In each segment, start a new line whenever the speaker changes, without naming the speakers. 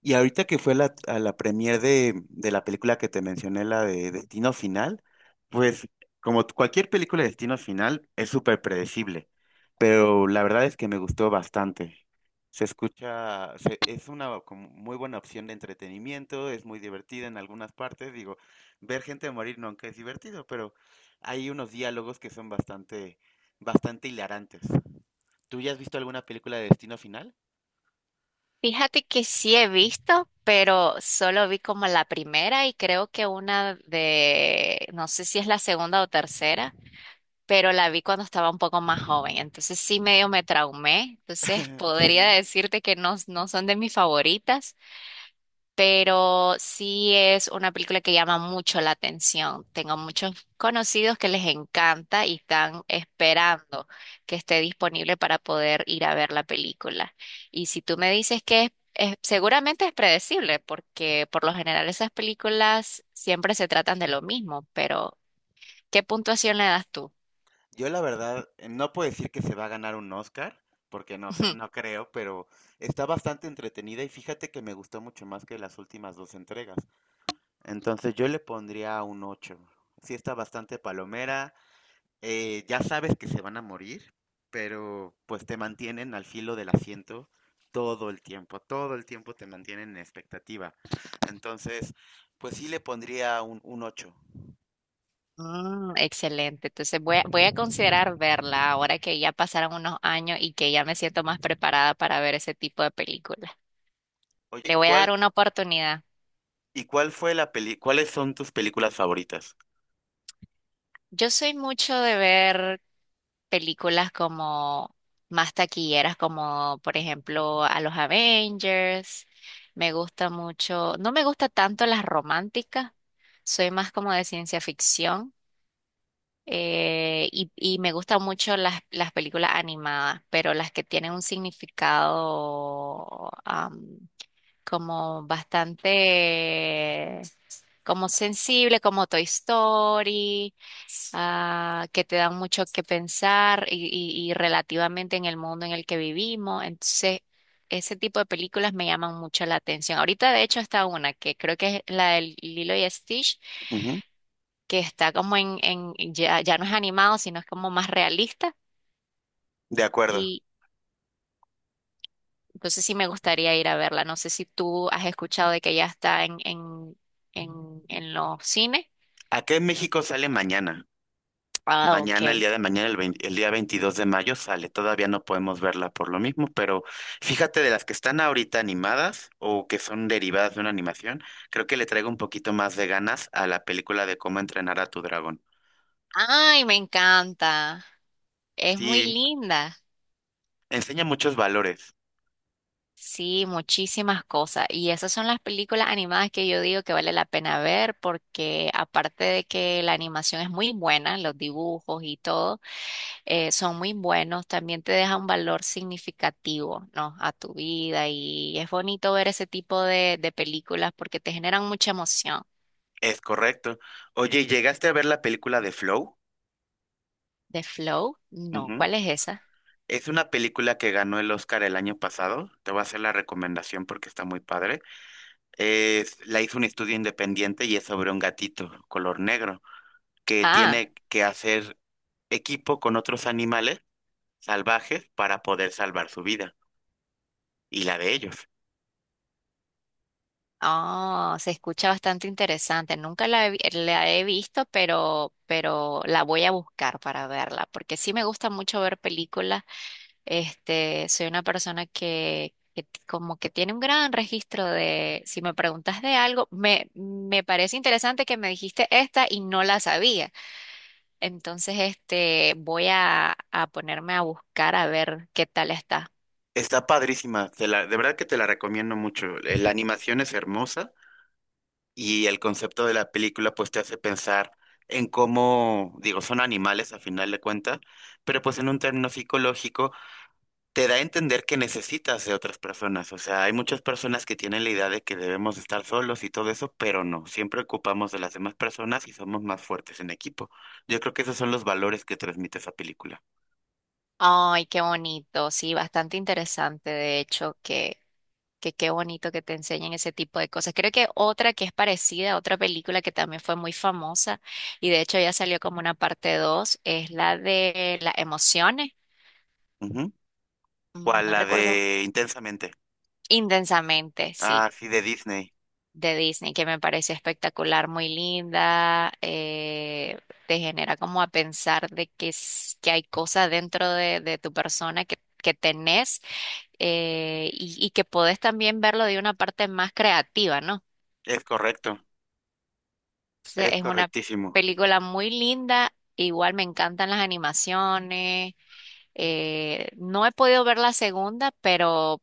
Y ahorita que fue la premier de la película que te mencioné, la de Destino Final, pues cualquier película de Destino Final es súper predecible, pero la verdad es que me gustó bastante. Es una como muy buena opción de entretenimiento, es muy divertida en algunas partes. Digo, ver gente morir nunca es divertido, pero hay unos diálogos que son bastante, bastante hilarantes. ¿Tú ya has visto alguna película de Destino Final?
Fíjate que sí he visto, pero solo vi como la primera y creo que una de, no sé si es la segunda o tercera, pero la vi cuando estaba un poco más joven, entonces sí medio me traumé, entonces podría
Sí.
decirte que no, no son de mis favoritas, pero sí es una película que llama mucho la atención. Tengo muchos conocidos que les encanta y están esperando que esté disponible para poder ir a ver la película. Y si tú me dices que seguramente es predecible, porque por lo general esas películas siempre se tratan de lo mismo, pero ¿qué puntuación le das tú?
Yo la verdad no puedo decir que se va a ganar un Oscar, porque no sé, no creo, pero está bastante entretenida y fíjate que me gustó mucho más que las últimas dos entregas. Entonces yo le pondría un 8. Sí está bastante palomera, ya sabes que se van a morir, pero pues te mantienen al filo del asiento todo el tiempo te mantienen en expectativa. Entonces, pues sí le pondría un 8.
Mm, excelente, entonces voy a considerar verla ahora que ya pasaron unos años y que ya me siento más preparada para ver ese tipo de películas.
Oye,
Le voy a dar una oportunidad.
cuáles son tus películas favoritas?
Yo soy mucho de ver películas como más taquilleras, como por ejemplo a los Avengers. Me gusta mucho, no me gusta tanto las románticas, soy más como de ciencia ficción. Y me gustan mucho las películas animadas, pero las que tienen un significado como bastante, como sensible, como Toy Story, que te dan mucho que pensar y relativamente en el mundo en el que vivimos. Entonces, ese tipo de películas me llaman mucho la atención. Ahorita, de hecho, está una que creo que es la del Lilo y Stitch,
Ujú.
que está como en ya, ya no es animado, sino es como más realista.
De acuerdo.
Y entonces sí me gustaría ir a verla. No sé si tú has escuchado de que ya está en, en los cines.
Acá en México sale mañana.
Ah, ok.
Mañana, el día de mañana, el día 22 de mayo sale. Todavía no podemos verla por lo mismo, pero fíjate de las que están ahorita animadas o que son derivadas de una animación, creo que le traigo un poquito más de ganas a la película de cómo entrenar a tu dragón.
Ay, me encanta. Es muy
Sí,
linda.
enseña muchos valores.
Sí, muchísimas cosas. Y esas son las películas animadas que yo digo que vale la pena ver porque aparte de que la animación es muy buena, los dibujos y todo, son muy buenos, también te deja un valor significativo, ¿no? A tu vida. Y es bonito ver ese tipo de películas porque te generan mucha emoción.
Es correcto. Oye, ¿llegaste a ver la película de Flow?
¿De Flow? No,
Ujú.
¿cuál es esa?
Es una película que ganó el Oscar el año pasado. Te voy a hacer la recomendación porque está muy padre. La hizo un estudio independiente y es sobre un gatito color negro que
Ah.
tiene que hacer equipo con otros animales salvajes para poder salvar su vida y la de ellos.
Oh, se escucha bastante interesante. Nunca la he visto, pero la voy a buscar para verla, porque sí me gusta mucho ver películas. Este, soy una persona que como que tiene un gran registro de, si me preguntas de algo, me parece interesante que me dijiste esta y no la sabía. Entonces, este, a ponerme a buscar a ver qué tal está.
Está padrísima, de verdad que te la recomiendo mucho. La animación es hermosa y el concepto de la película pues te hace pensar en cómo, digo, son animales a final de cuentas, pero pues en un término psicológico te da a entender que necesitas de otras personas. O sea, hay muchas personas que tienen la idea de que debemos estar solos y todo eso, pero no, siempre ocupamos de las demás personas y somos más fuertes en equipo. Yo creo que esos son los valores que transmite esa película.
Ay, qué bonito, sí, bastante interesante, de hecho, que. Que qué bonito que te enseñen ese tipo de cosas. Creo que otra que es parecida, otra película que también fue muy famosa y de hecho ya salió como una parte 2 es la de las emociones,
Ujú.
mm,
¿Cuál?
no
La
recuerdo,
de Intensamente.
intensamente,
Ah,
sí,
sí, de Disney.
de Disney, que me pareció espectacular, muy linda, te genera como a pensar de que hay cosas dentro de tu persona que tenés y que podés también verlo de una parte más creativa, ¿no?
Es correcto.
Entonces,
Es
es una
correctísimo.
película muy linda. Igual me encantan las animaciones. No he podido ver la segunda, pero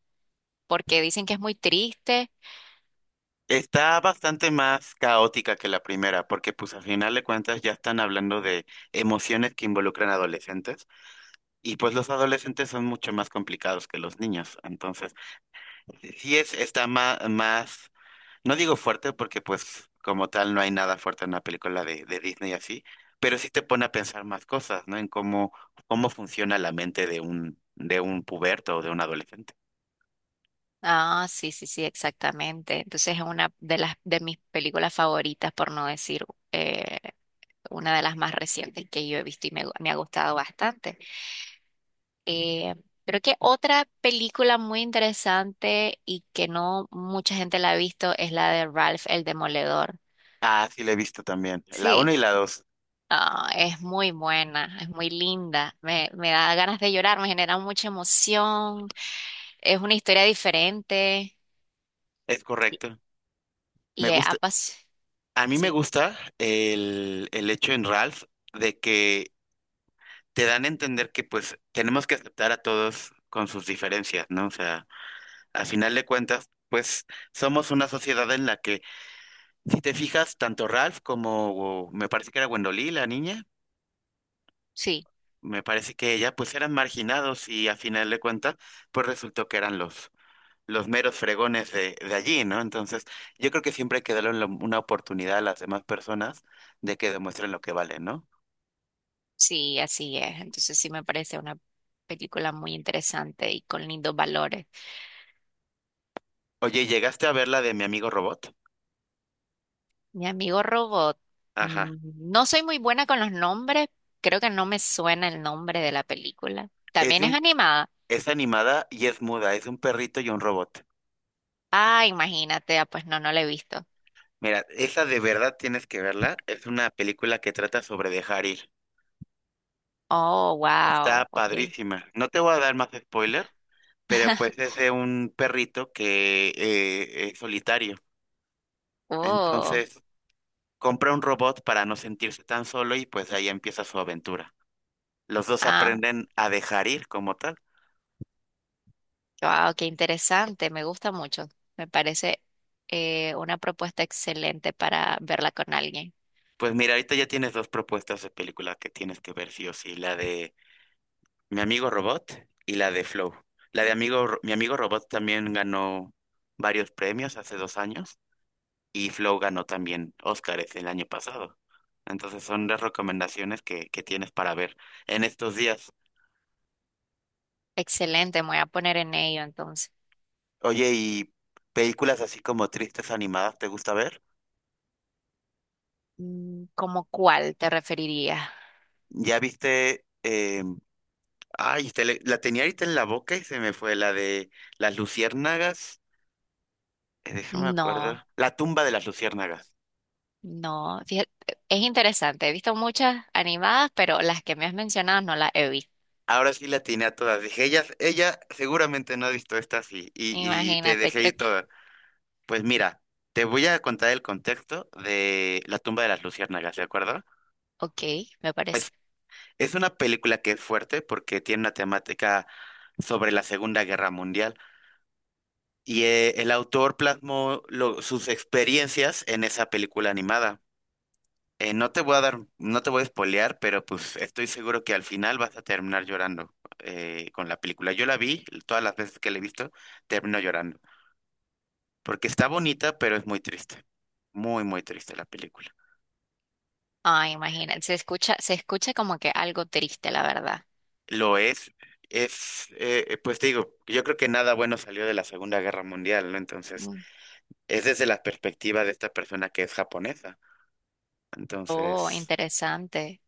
porque dicen que es muy triste.
Está bastante más caótica que la primera, porque pues al final de cuentas ya están hablando de emociones que involucran adolescentes y pues los adolescentes son mucho más complicados que los niños. Entonces, sí es, está más, más, no digo fuerte porque pues como tal no hay nada fuerte en una película de Disney así, pero sí te pone a pensar más cosas, ¿no? En cómo funciona la mente de un, puberto o de un adolescente.
Ah, sí, sí, sí, exactamente. Entonces es una de las de mis películas favoritas, por no decir eh, una de las más recientes que yo he visto y me ha gustado bastante. Eh, Creo que otra película muy interesante y que no mucha gente la ha visto es la de Ralph el Demoledor.
Ah, sí, la he visto también. La
Sí,
uno y la dos.
ah, es muy buena, es muy linda. Me da ganas de llorar, me genera mucha emoción. Es una historia diferente
Es correcto. Me
y
gusta, a mí me
Sí,
gusta el hecho en Ralph de que te dan a entender que pues tenemos que aceptar a todos con sus diferencias, ¿no? O sea, a final de cuentas, pues somos una sociedad en la que, si te fijas, tanto Ralph como me parece que era Wendolí, la niña,
sí,
me parece que ella, pues eran marginados y a final de cuentas, pues resultó que eran los meros fregones de allí, ¿no? Entonces, yo creo que siempre hay que darle una oportunidad a las demás personas de que demuestren lo que valen, ¿no?
sí, así es. Entonces sí me parece una película muy interesante y con lindos valores.
Oye, ¿llegaste a ver la de mi amigo robot?
Mi amigo Robot,
Ajá.
mm, no soy muy buena con los nombres, creo que no me suena el nombre de la película.
Es de
También es
un,
animada.
es animada y es muda, es un perrito y un robot.
Ah, imagínate, ah, pues no, no la he visto.
Mira, esa de verdad tienes que verla. Es una película que trata sobre dejar ir.
Oh,
Está
wow, ok.
padrísima. No te voy a dar más spoiler, pero pues es de un perrito que es solitario.
Oh.
Entonces, compra un robot para no sentirse tan solo y pues ahí empieza su aventura. Los dos
Ah,
aprenden a dejar ir como tal.
wow, qué interesante, me gusta mucho. Me parece una propuesta excelente para verla con alguien.
Pues mira, ahorita ya tienes dos propuestas de película que tienes que ver sí o sí, la de Mi amigo Robot y la de Flow. La de mi amigo Robot también ganó varios premios hace 2 años y Flow ganó también Óscares el año pasado. Entonces son las recomendaciones que tienes para ver en estos días.
Excelente, me voy a poner en ello entonces.
Oye, ¿y películas así como tristes animadas te gusta ver?
Mm, ¿cómo cuál te referirías?
¿Ya viste? La tenía ahorita en la boca y se me fue la de las luciérnagas. Déjame acuerdo.
No,
La tumba de las luciérnagas.
no, fíjate, es interesante, he visto muchas animadas, pero las que me has mencionado no las he visto.
Ahora sí la atiné a todas. Dije, ella seguramente no ha visto estas y te
Imagínate,
dejé
creo
ir
que.
todas. Pues mira, te voy a contar el contexto de La tumba de las luciérnagas, ¿de acuerdo?
Ok, me parece.
Es es una película que es fuerte porque tiene una temática sobre la Segunda Guerra Mundial y el autor plasmó sus experiencias en esa película animada. No te voy a dar, no te voy a spoilear, pero pues estoy seguro que al final vas a terminar llorando con la película. Yo la vi, todas las veces que la he visto, termino llorando. Porque está bonita, pero es muy triste. Muy, muy triste la película.
Ah, imagínate, se escucha como que algo triste, la verdad.
Lo es, pues te digo, yo creo que nada bueno salió de la Segunda Guerra Mundial, ¿no? Entonces,
Mm.
es desde la perspectiva de esta persona que es japonesa.
Oh,
Entonces,
interesante.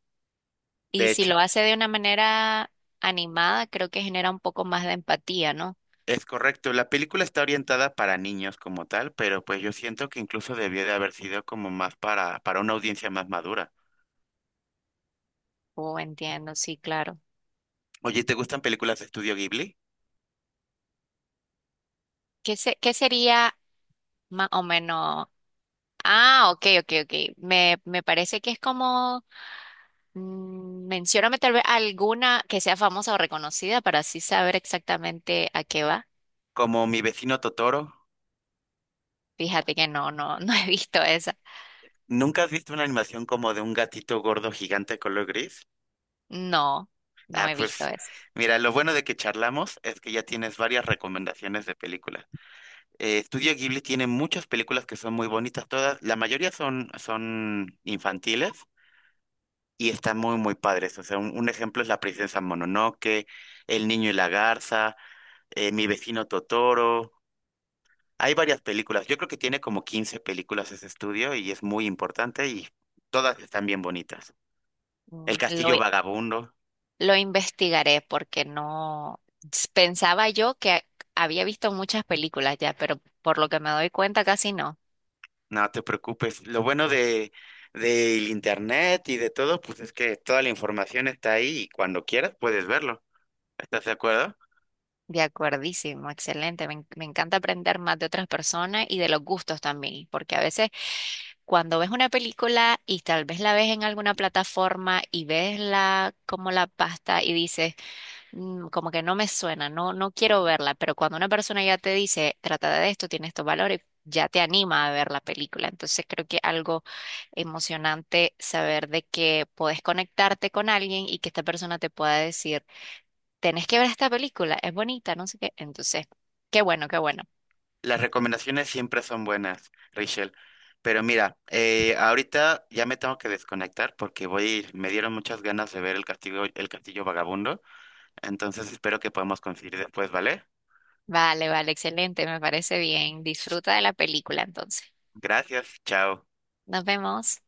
Y
de
si
hecho,
lo hace de una manera animada, creo que genera un poco más de empatía, ¿no?
es correcto, la película está orientada para niños como tal, pero pues yo siento que incluso debió de haber sido como más para una audiencia más madura.
Oh, entiendo, sí, claro.
Oye, ¿te gustan películas de estudio Ghibli?
¿Qué sería más o menos? Ah, ok, ok, ok. Me parece que es como, mm, mencióname tal vez alguna que sea famosa o reconocida para así saber exactamente a qué va.
Como Mi vecino Totoro.
Fíjate que no, no, no he visto esa.
¿Nunca has visto una animación como de un gatito gordo gigante color gris?
No, no
Ah,
he visto
pues
esa.
mira, lo bueno de que charlamos es que ya tienes varias recomendaciones de películas. Estudio Ghibli tiene muchas películas que son muy bonitas todas, la mayoría son, infantiles y está muy, muy padre eso. O sea, un ejemplo es La princesa Mononoke, El niño y la garza, Mi vecino Totoro. Hay varias películas. Yo creo que tiene como 15 películas ese estudio y es muy importante y todas están bien bonitas. El
Mm,
castillo vagabundo,
lo investigaré porque no pensaba yo que había visto muchas películas ya, pero por lo que me doy cuenta casi no.
no te preocupes. Lo bueno de del internet y de todo, pues es que toda la información está ahí y cuando quieras puedes verlo. ¿Estás de acuerdo?
De acuerdísimo, excelente. Me encanta aprender más de otras personas y de los gustos también, porque a veces cuando ves una película y tal vez la ves en alguna plataforma y ves la como la pasta y dices mm, como que no me suena, no, no quiero verla, pero cuando una persona ya te dice, trata de esto, tiene estos valores, ya te anima a ver la película. Entonces creo que algo emocionante saber de que puedes conectarte con alguien y que esta persona te pueda decir, tenés que ver esta película, es bonita, no sé qué. Entonces, qué bueno, qué bueno.
Las recomendaciones siempre son buenas, Rachel. Pero mira, ahorita ya me tengo que desconectar porque me dieron muchas ganas de ver el castillo vagabundo. Entonces espero que podamos coincidir después, ¿vale?
Vale, vale, excelente, me parece bien. Disfruta de la película entonces.
Gracias, chao.
Nos vemos.